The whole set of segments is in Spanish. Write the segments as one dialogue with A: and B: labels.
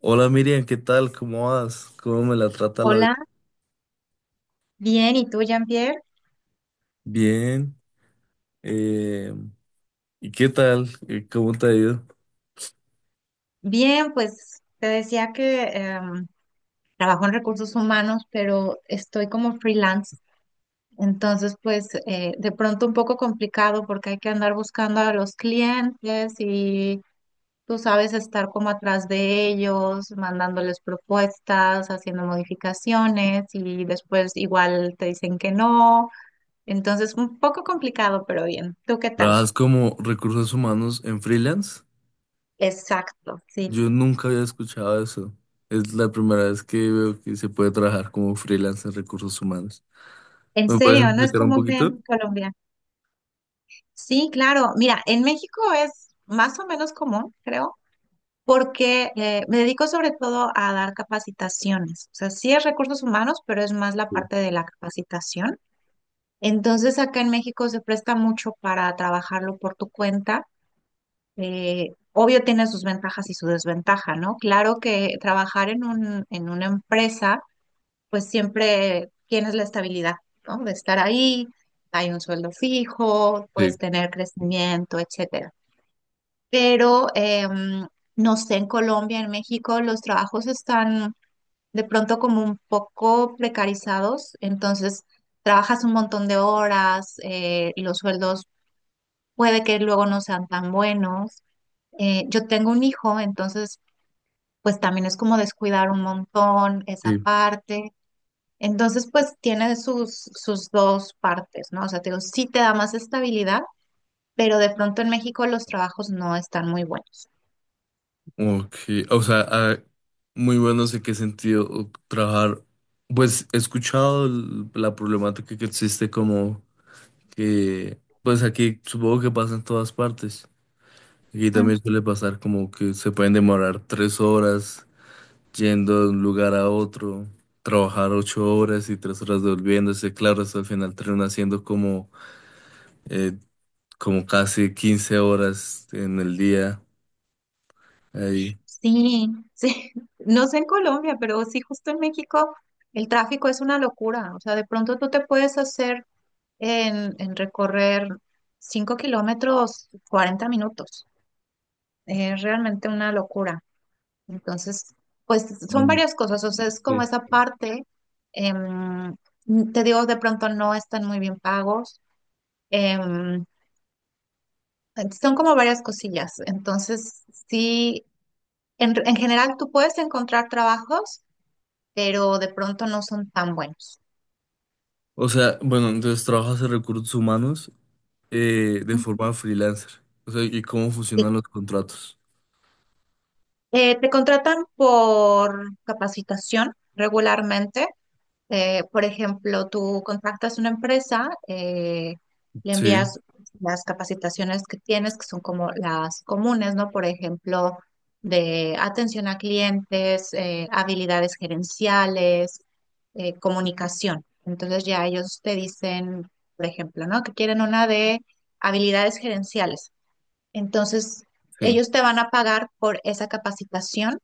A: Hola Miriam, ¿qué tal? ¿Cómo vas? ¿Cómo me la trata la vida?
B: Hola, bien, ¿y tú, Jean-Pierre?
A: Bien. eh, ¿Y qué tal? ¿Cómo te ha ido?
B: Bien, pues te decía que trabajo en recursos humanos, pero estoy como freelance, entonces pues de pronto un poco complicado porque hay que andar buscando a los clientes y tú sabes estar como atrás de ellos, mandándoles propuestas, haciendo modificaciones y después igual te dicen que no, entonces un poco complicado, pero bien. ¿Tú qué tal?
A: ¿Trabajas como recursos humanos en freelance?
B: Exacto, sí.
A: Yo nunca había escuchado eso. Es la primera vez que veo que se puede trabajar como freelance en recursos humanos.
B: En
A: ¿Me puedes
B: serio, no es
A: explicar un
B: común
A: poquito?
B: en Colombia. Sí, claro. Mira, en México es más o menos común, creo, porque me dedico sobre todo a dar capacitaciones. O sea, sí es recursos humanos, pero es más la
A: Sí,
B: parte de la capacitación. Entonces, acá en México se presta mucho para trabajarlo por tu cuenta. Obvio tiene sus ventajas y su desventaja, ¿no? Claro que trabajar en en una empresa pues siempre tienes la estabilidad, ¿no? De estar ahí, hay un sueldo fijo,
A: sí,
B: puedes tener crecimiento, etcétera. Pero no sé, en Colombia, en México, los trabajos están de pronto como un poco precarizados, entonces trabajas un montón de horas, y los sueldos puede que luego no sean tan buenos. Yo tengo un hijo, entonces pues también es como descuidar un montón esa
A: sí.
B: parte. Entonces, pues tiene sus dos partes, ¿no? O sea, te digo, sí te da más estabilidad, pero de pronto en México los trabajos no están muy buenos.
A: Ok, o sea, ah, muy bueno, sé qué sentido trabajar. Pues he escuchado la problemática que existe como que pues aquí supongo que pasa en todas partes. Aquí
B: Mm.
A: también suele pasar como que se pueden demorar 3 horas yendo de un lugar a otro, trabajar 8 horas y 3 horas devolviéndose. Claro, eso al final termina haciendo eh, como casi 15 horas en el día ahí.
B: Sí, sí. No sé en Colombia, pero sí, justo en México el tráfico es una locura. O sea, de pronto tú te puedes hacer en recorrer 5 kilómetros 40 minutos. Es realmente una locura. Entonces, pues son
A: Mm,
B: varias cosas, o sea, es como
A: sí.
B: esa parte, em, te digo, de pronto no están muy bien pagos, em, son como varias cosillas, entonces sí, en general tú puedes encontrar trabajos, pero de pronto no son tan buenos.
A: O sea, bueno, entonces trabajas en recursos humanos de
B: Ujú.
A: forma freelancer. O sea, ¿y cómo
B: Sí.
A: funcionan los contratos?
B: Te contratan por capacitación regularmente. Por ejemplo, tú contactas una empresa, le
A: Sí,
B: envías las capacitaciones que tienes, que son como las comunes, ¿no? Por ejemplo, de atención a clientes, habilidades gerenciales, comunicación. Entonces ya ellos te dicen, por ejemplo, ¿no? Que quieren una de habilidades gerenciales. Entonces,
A: sí.
B: ellos te van a pagar por esa capacitación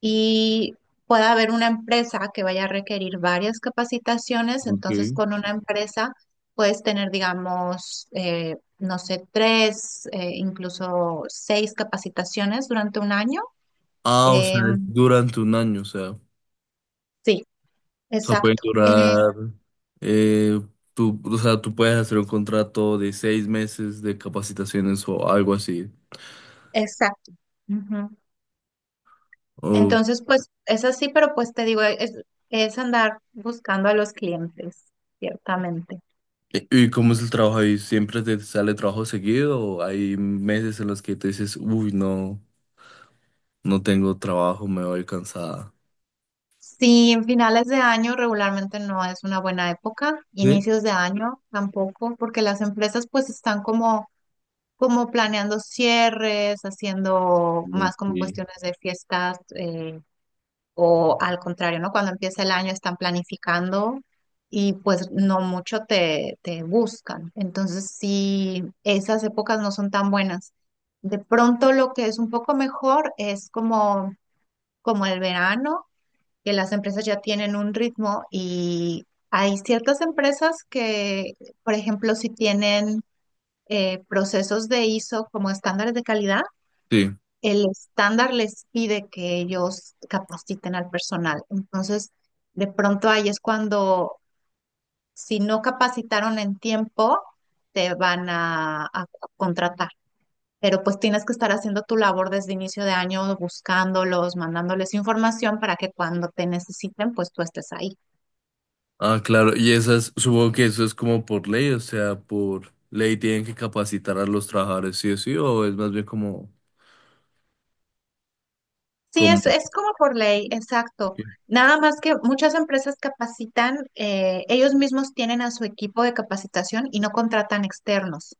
B: y pueda haber una empresa que vaya a requerir varias capacitaciones, entonces
A: Ok.
B: con una empresa puedes tener, digamos, no sé, tres, incluso seis capacitaciones durante un año.
A: Ah, o sea, es
B: Em,
A: durante un año, o sea,
B: sí,
A: puede
B: exacto,
A: durar, eh, tú puedes hacer un contrato de 6 meses de capacitaciones o algo así.
B: exacto. Ujú.
A: O,
B: Entonces, pues es así, pero pues te digo, es andar buscando a los clientes, ciertamente.
A: ¿Y cómo es el trabajo ahí? ¿Siempre te sale trabajo seguido o hay meses en los que te dices, uy, no, no tengo trabajo, me voy cansada?
B: Sí, en finales de año regularmente no es una buena época,
A: ¿Sí?
B: inicios de año tampoco, porque las empresas pues están como, como planeando cierres, haciendo
A: Mm,
B: más como
A: sí.
B: cuestiones de fiestas, o al contrario, ¿no? Cuando empieza el año están planificando y pues no mucho te buscan. Entonces sí, esas épocas no son tan buenas. De pronto lo que es un poco mejor es como, como el verano que las empresas ya tienen un ritmo y hay ciertas empresas que, por ejemplo, si tienen procesos de ISO como estándares de calidad,
A: Sí.
B: el estándar les pide que ellos capaciten al personal. Entonces, de pronto ahí es cuando, si no capacitaron en tiempo, te van a contratar. Pero pues tienes que estar haciendo tu labor desde inicio de año, buscándolos, mandándoles información para que cuando te necesiten, pues tú estés ahí.
A: Ah, claro, y esas, supongo que eso es como por ley, o sea, por ley tienen que capacitar a los trabajadores, sí o sí, o es más bien como...
B: Sí,
A: como
B: es como por ley, exacto.
A: Sí.
B: Nada más que muchas empresas capacitan, ellos mismos tienen a su equipo de capacitación y no contratan externos,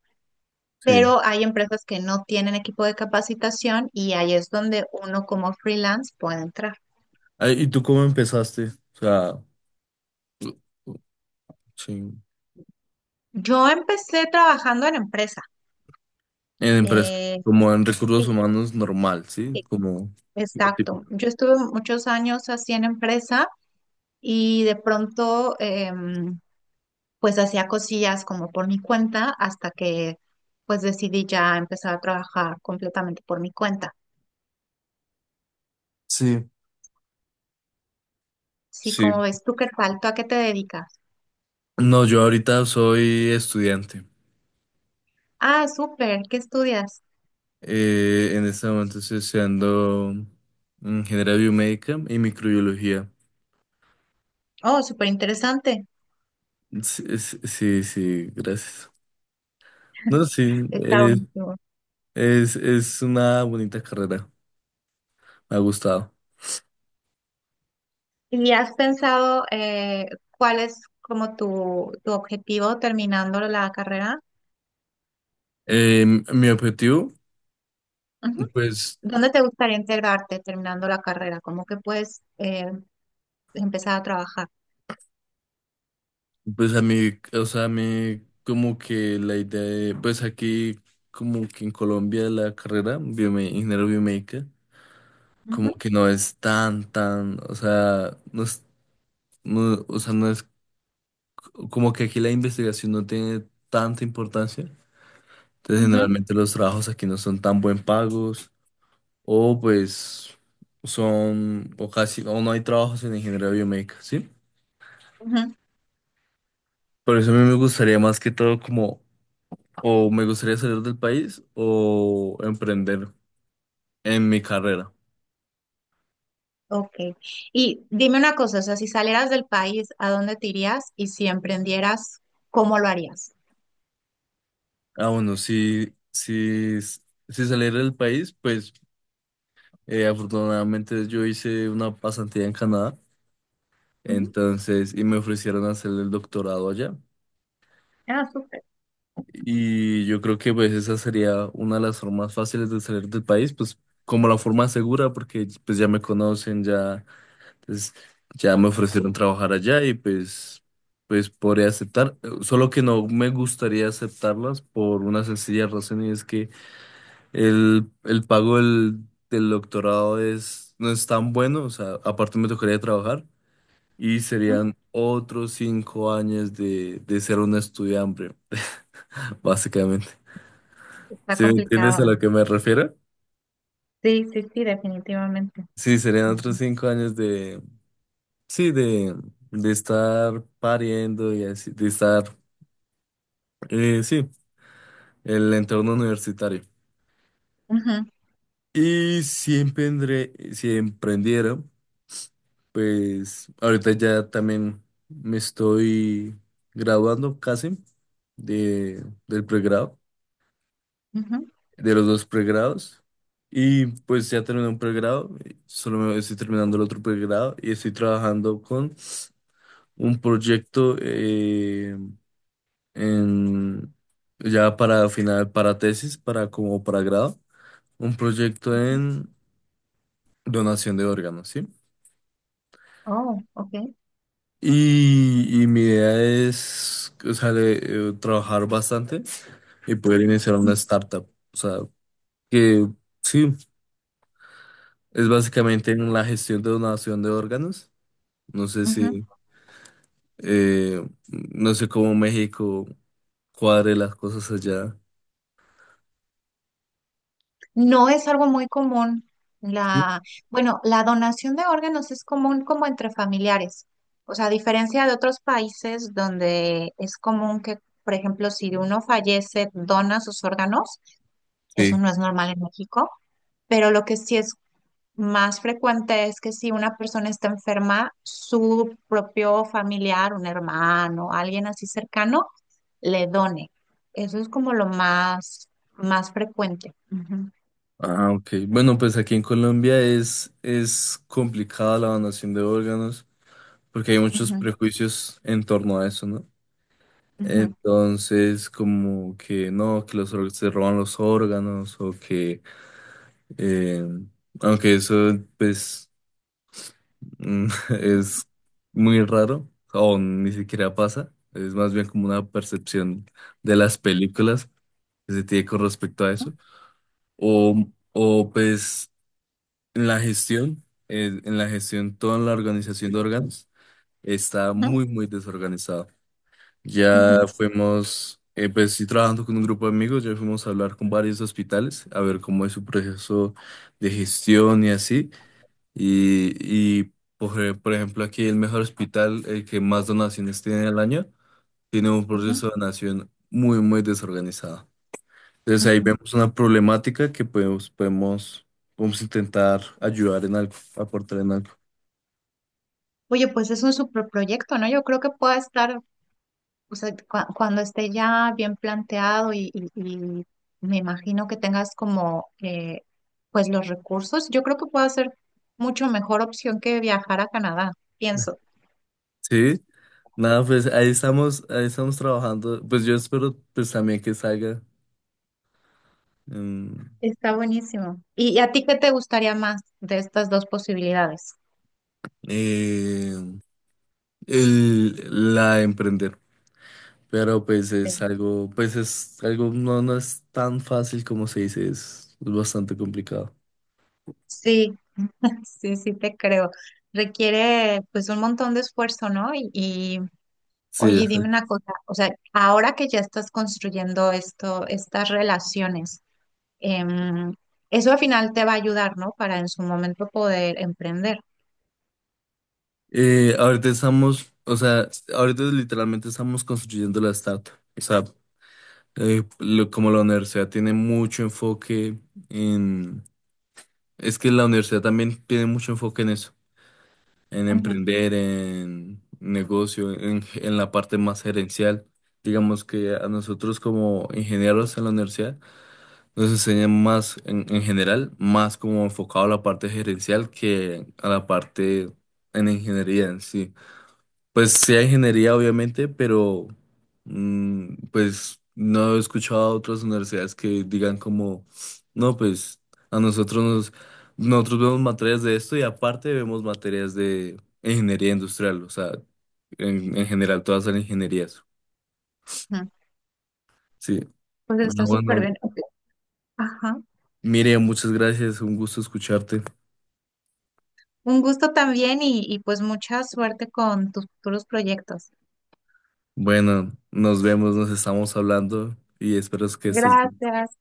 A: Sí.
B: pero hay empresas que no tienen equipo de capacitación y ahí es donde uno como freelance puede entrar.
A: Ah, ¿y tú cómo empezaste? O sea, sí, en
B: Yo empecé trabajando en empresa.
A: empresa,
B: eh,
A: como en recursos
B: sí,
A: humanos normal, ¿sí?
B: sí,
A: Como lo
B: exacto.
A: típico.
B: Yo estuve muchos años así en empresa y de pronto pues hacía cosillas como por mi cuenta hasta que pues decidí ya empezar a trabajar completamente por mi cuenta.
A: Sí.
B: Sí,
A: Sí.
B: como ves, ¿tú qué tal? ¿Tú a qué te dedicas?
A: No, yo ahorita soy estudiante.
B: Ah, súper, ¿qué estudias?
A: En este momento estoy estudiando ingeniería biomédica y microbiología.
B: Oh, súper interesante.
A: Sí, sí, sí, gracias. No, sí,
B: Está
A: es,
B: buenísimo.
A: es, es una bonita carrera. Me ha gustado.
B: ¿Y has pensado, cuál es como tu objetivo terminando la carrera?
A: Eh, Mi objetivo,
B: Ujú.
A: pues.
B: ¿Dónde te gustaría integrarte terminando la carrera? ¿Cómo que puedes empezar a trabajar?
A: Pues a mí, o sea, a mí como que la idea de, pues aquí como que en Colombia la carrera biome ingeniero biomédica
B: Ujú,
A: como que no es tan, tan, o sea, no es, no, o sea, no es como que aquí la investigación no tiene tanta importancia. Entonces
B: ujú,
A: generalmente los trabajos aquí no son tan buen pagos o pues son, o casi, o no hay trabajos en ingeniería biomédica, ¿sí?
B: ujú.
A: Por eso a mí me gustaría más que todo como O me gustaría salir del país o emprender en mi carrera.
B: Ok. Y dime una cosa, o sea, si salieras del país, ¿a dónde te irías? Y si emprendieras, ¿cómo lo harías?
A: Ah, bueno, si salir del país, pues afortunadamente yo hice una pasantía en Canadá,
B: Ujú.
A: entonces, y me ofrecieron hacer el doctorado allá.
B: Ah, súper.
A: Y yo creo que pues esa sería una de las formas fáciles de salir del país, pues como la forma segura, porque pues ya me conocen, ya. Entonces, ya me ofrecieron trabajar allá y pues, pues podría aceptar, solo que no me gustaría aceptarlas por una sencilla razón y es que el pago del doctorado no es tan bueno, o sea, aparte me tocaría trabajar y
B: Ujú.
A: serían otros 5 años de ser un estudiante, básicamente.
B: Está
A: ¿Sí me entiendes a
B: complicado.
A: lo que me refiero?
B: Sí, sí, sí, definitivamente.
A: Sí, serían otros
B: Ujú.
A: cinco años sí, de estar pariendo y así, de estar. Sí, el entorno universitario.
B: Ujú,
A: Y si si emprendiera, pues ahorita ya también me estoy graduando casi de, del pregrado,
B: ujú.
A: de los dos pregrados. Y pues ya terminé un pregrado, solo me estoy terminando el otro pregrado y estoy trabajando con un proyecto en, ya para final, para tesis, para como para grado, un proyecto en donación de órganos, ¿sí?
B: Oh, ok.
A: Y mi idea es, o sea, trabajar bastante y poder iniciar una startup. O sea, que sí, es básicamente en la gestión de donación de órganos. No sé
B: Ujú.
A: si, no sé cómo México cuadre las cosas allá.
B: No es algo muy común.
A: Sí.
B: La, bueno, la donación de órganos es común como entre familiares. O sea, a diferencia de otros países donde es común que, por ejemplo, si uno fallece, dona sus órganos. Eso
A: Sí.
B: no es normal en México, pero lo que sí es más frecuente es que si una persona está enferma, su propio familiar, un hermano, alguien así cercano, le done. Eso es como lo más, más frecuente. Ujú,
A: Ah, ok. Bueno, pues aquí en Colombia es complicada la donación de órganos porque hay muchos
B: ujú,
A: prejuicios en torno a eso, ¿no?
B: ujú,
A: Entonces, como que no, que los se roban los órganos o que, eh, aunque eso pues mm, es muy raro o ni siquiera pasa, es más bien como una percepción de las películas que se tiene con respecto a eso. O pues en la gestión, en la gestión, toda la organización de órganos está
B: ujú,
A: muy, muy desorganizado. Ya
B: ujú,
A: fuimos, pues sí, trabajando con un grupo de amigos, ya fuimos a hablar con varios hospitales, a ver cómo es su proceso de gestión y así. Y por ejemplo, aquí el mejor hospital, el que más donaciones tiene al año, tiene un
B: ujú,
A: proceso de donación muy, muy desorganizado. Entonces ahí
B: ujú.
A: vemos una problemática que podemos intentar ayudar en algo, aportar en algo.
B: Oye, pues es un super proyecto, ¿no? Yo creo que puede estar. O sea, cuando esté ya bien planteado y me imagino que tengas como, pues los recursos, yo creo que puede ser mucho mejor opción que viajar a Canadá, pienso.
A: Sí, nada, pues ahí estamos trabajando. Pues yo espero pues también que salga. em,
B: Está buenísimo. Y a ti qué te gustaría más de estas dos posibilidades?
A: eh, la de emprender. Pero
B: Sí,
A: pues es algo, no, no es tan fácil como se dice, es bastante complicado.
B: sí, sí, sí te creo. Requiere pues un montón de esfuerzo, ¿no?
A: Sí,
B: Oye, dime
A: exacto.
B: una cosa, o sea, ahora que ya estás construyendo esto, estas relaciones, em, eso al final te va a ayudar, ¿no? Para en su momento poder emprender.
A: Ahorita estamos, o sea, ahorita literalmente estamos construyendo la startup. O sea, como la universidad tiene mucho enfoque en, es que la universidad también tiene mucho enfoque en eso. En
B: Ujú,
A: emprender, en negocio, en la parte más gerencial. Digamos que a nosotros como ingenieros en la universidad nos enseñan más en general, más como enfocado a la parte gerencial que a la parte en ingeniería en sí. Pues sí hay ingeniería, obviamente, pero pues no he escuchado a otras universidades que digan como, no, pues a nosotros nosotros vemos materias de esto y aparte vemos materias de ingeniería industrial, o sea, en general todas son ingenierías.
B: ujú.
A: Sí.
B: Pues
A: Ah,
B: está súper
A: bueno,
B: bien. Ok. Ajá.
A: Miriam, muchas gracias, un gusto escucharte.
B: Un gusto también y pues mucha suerte con tus futuros proyectos.
A: Bueno, nos vemos, nos estamos hablando y espero que estés
B: Gracias.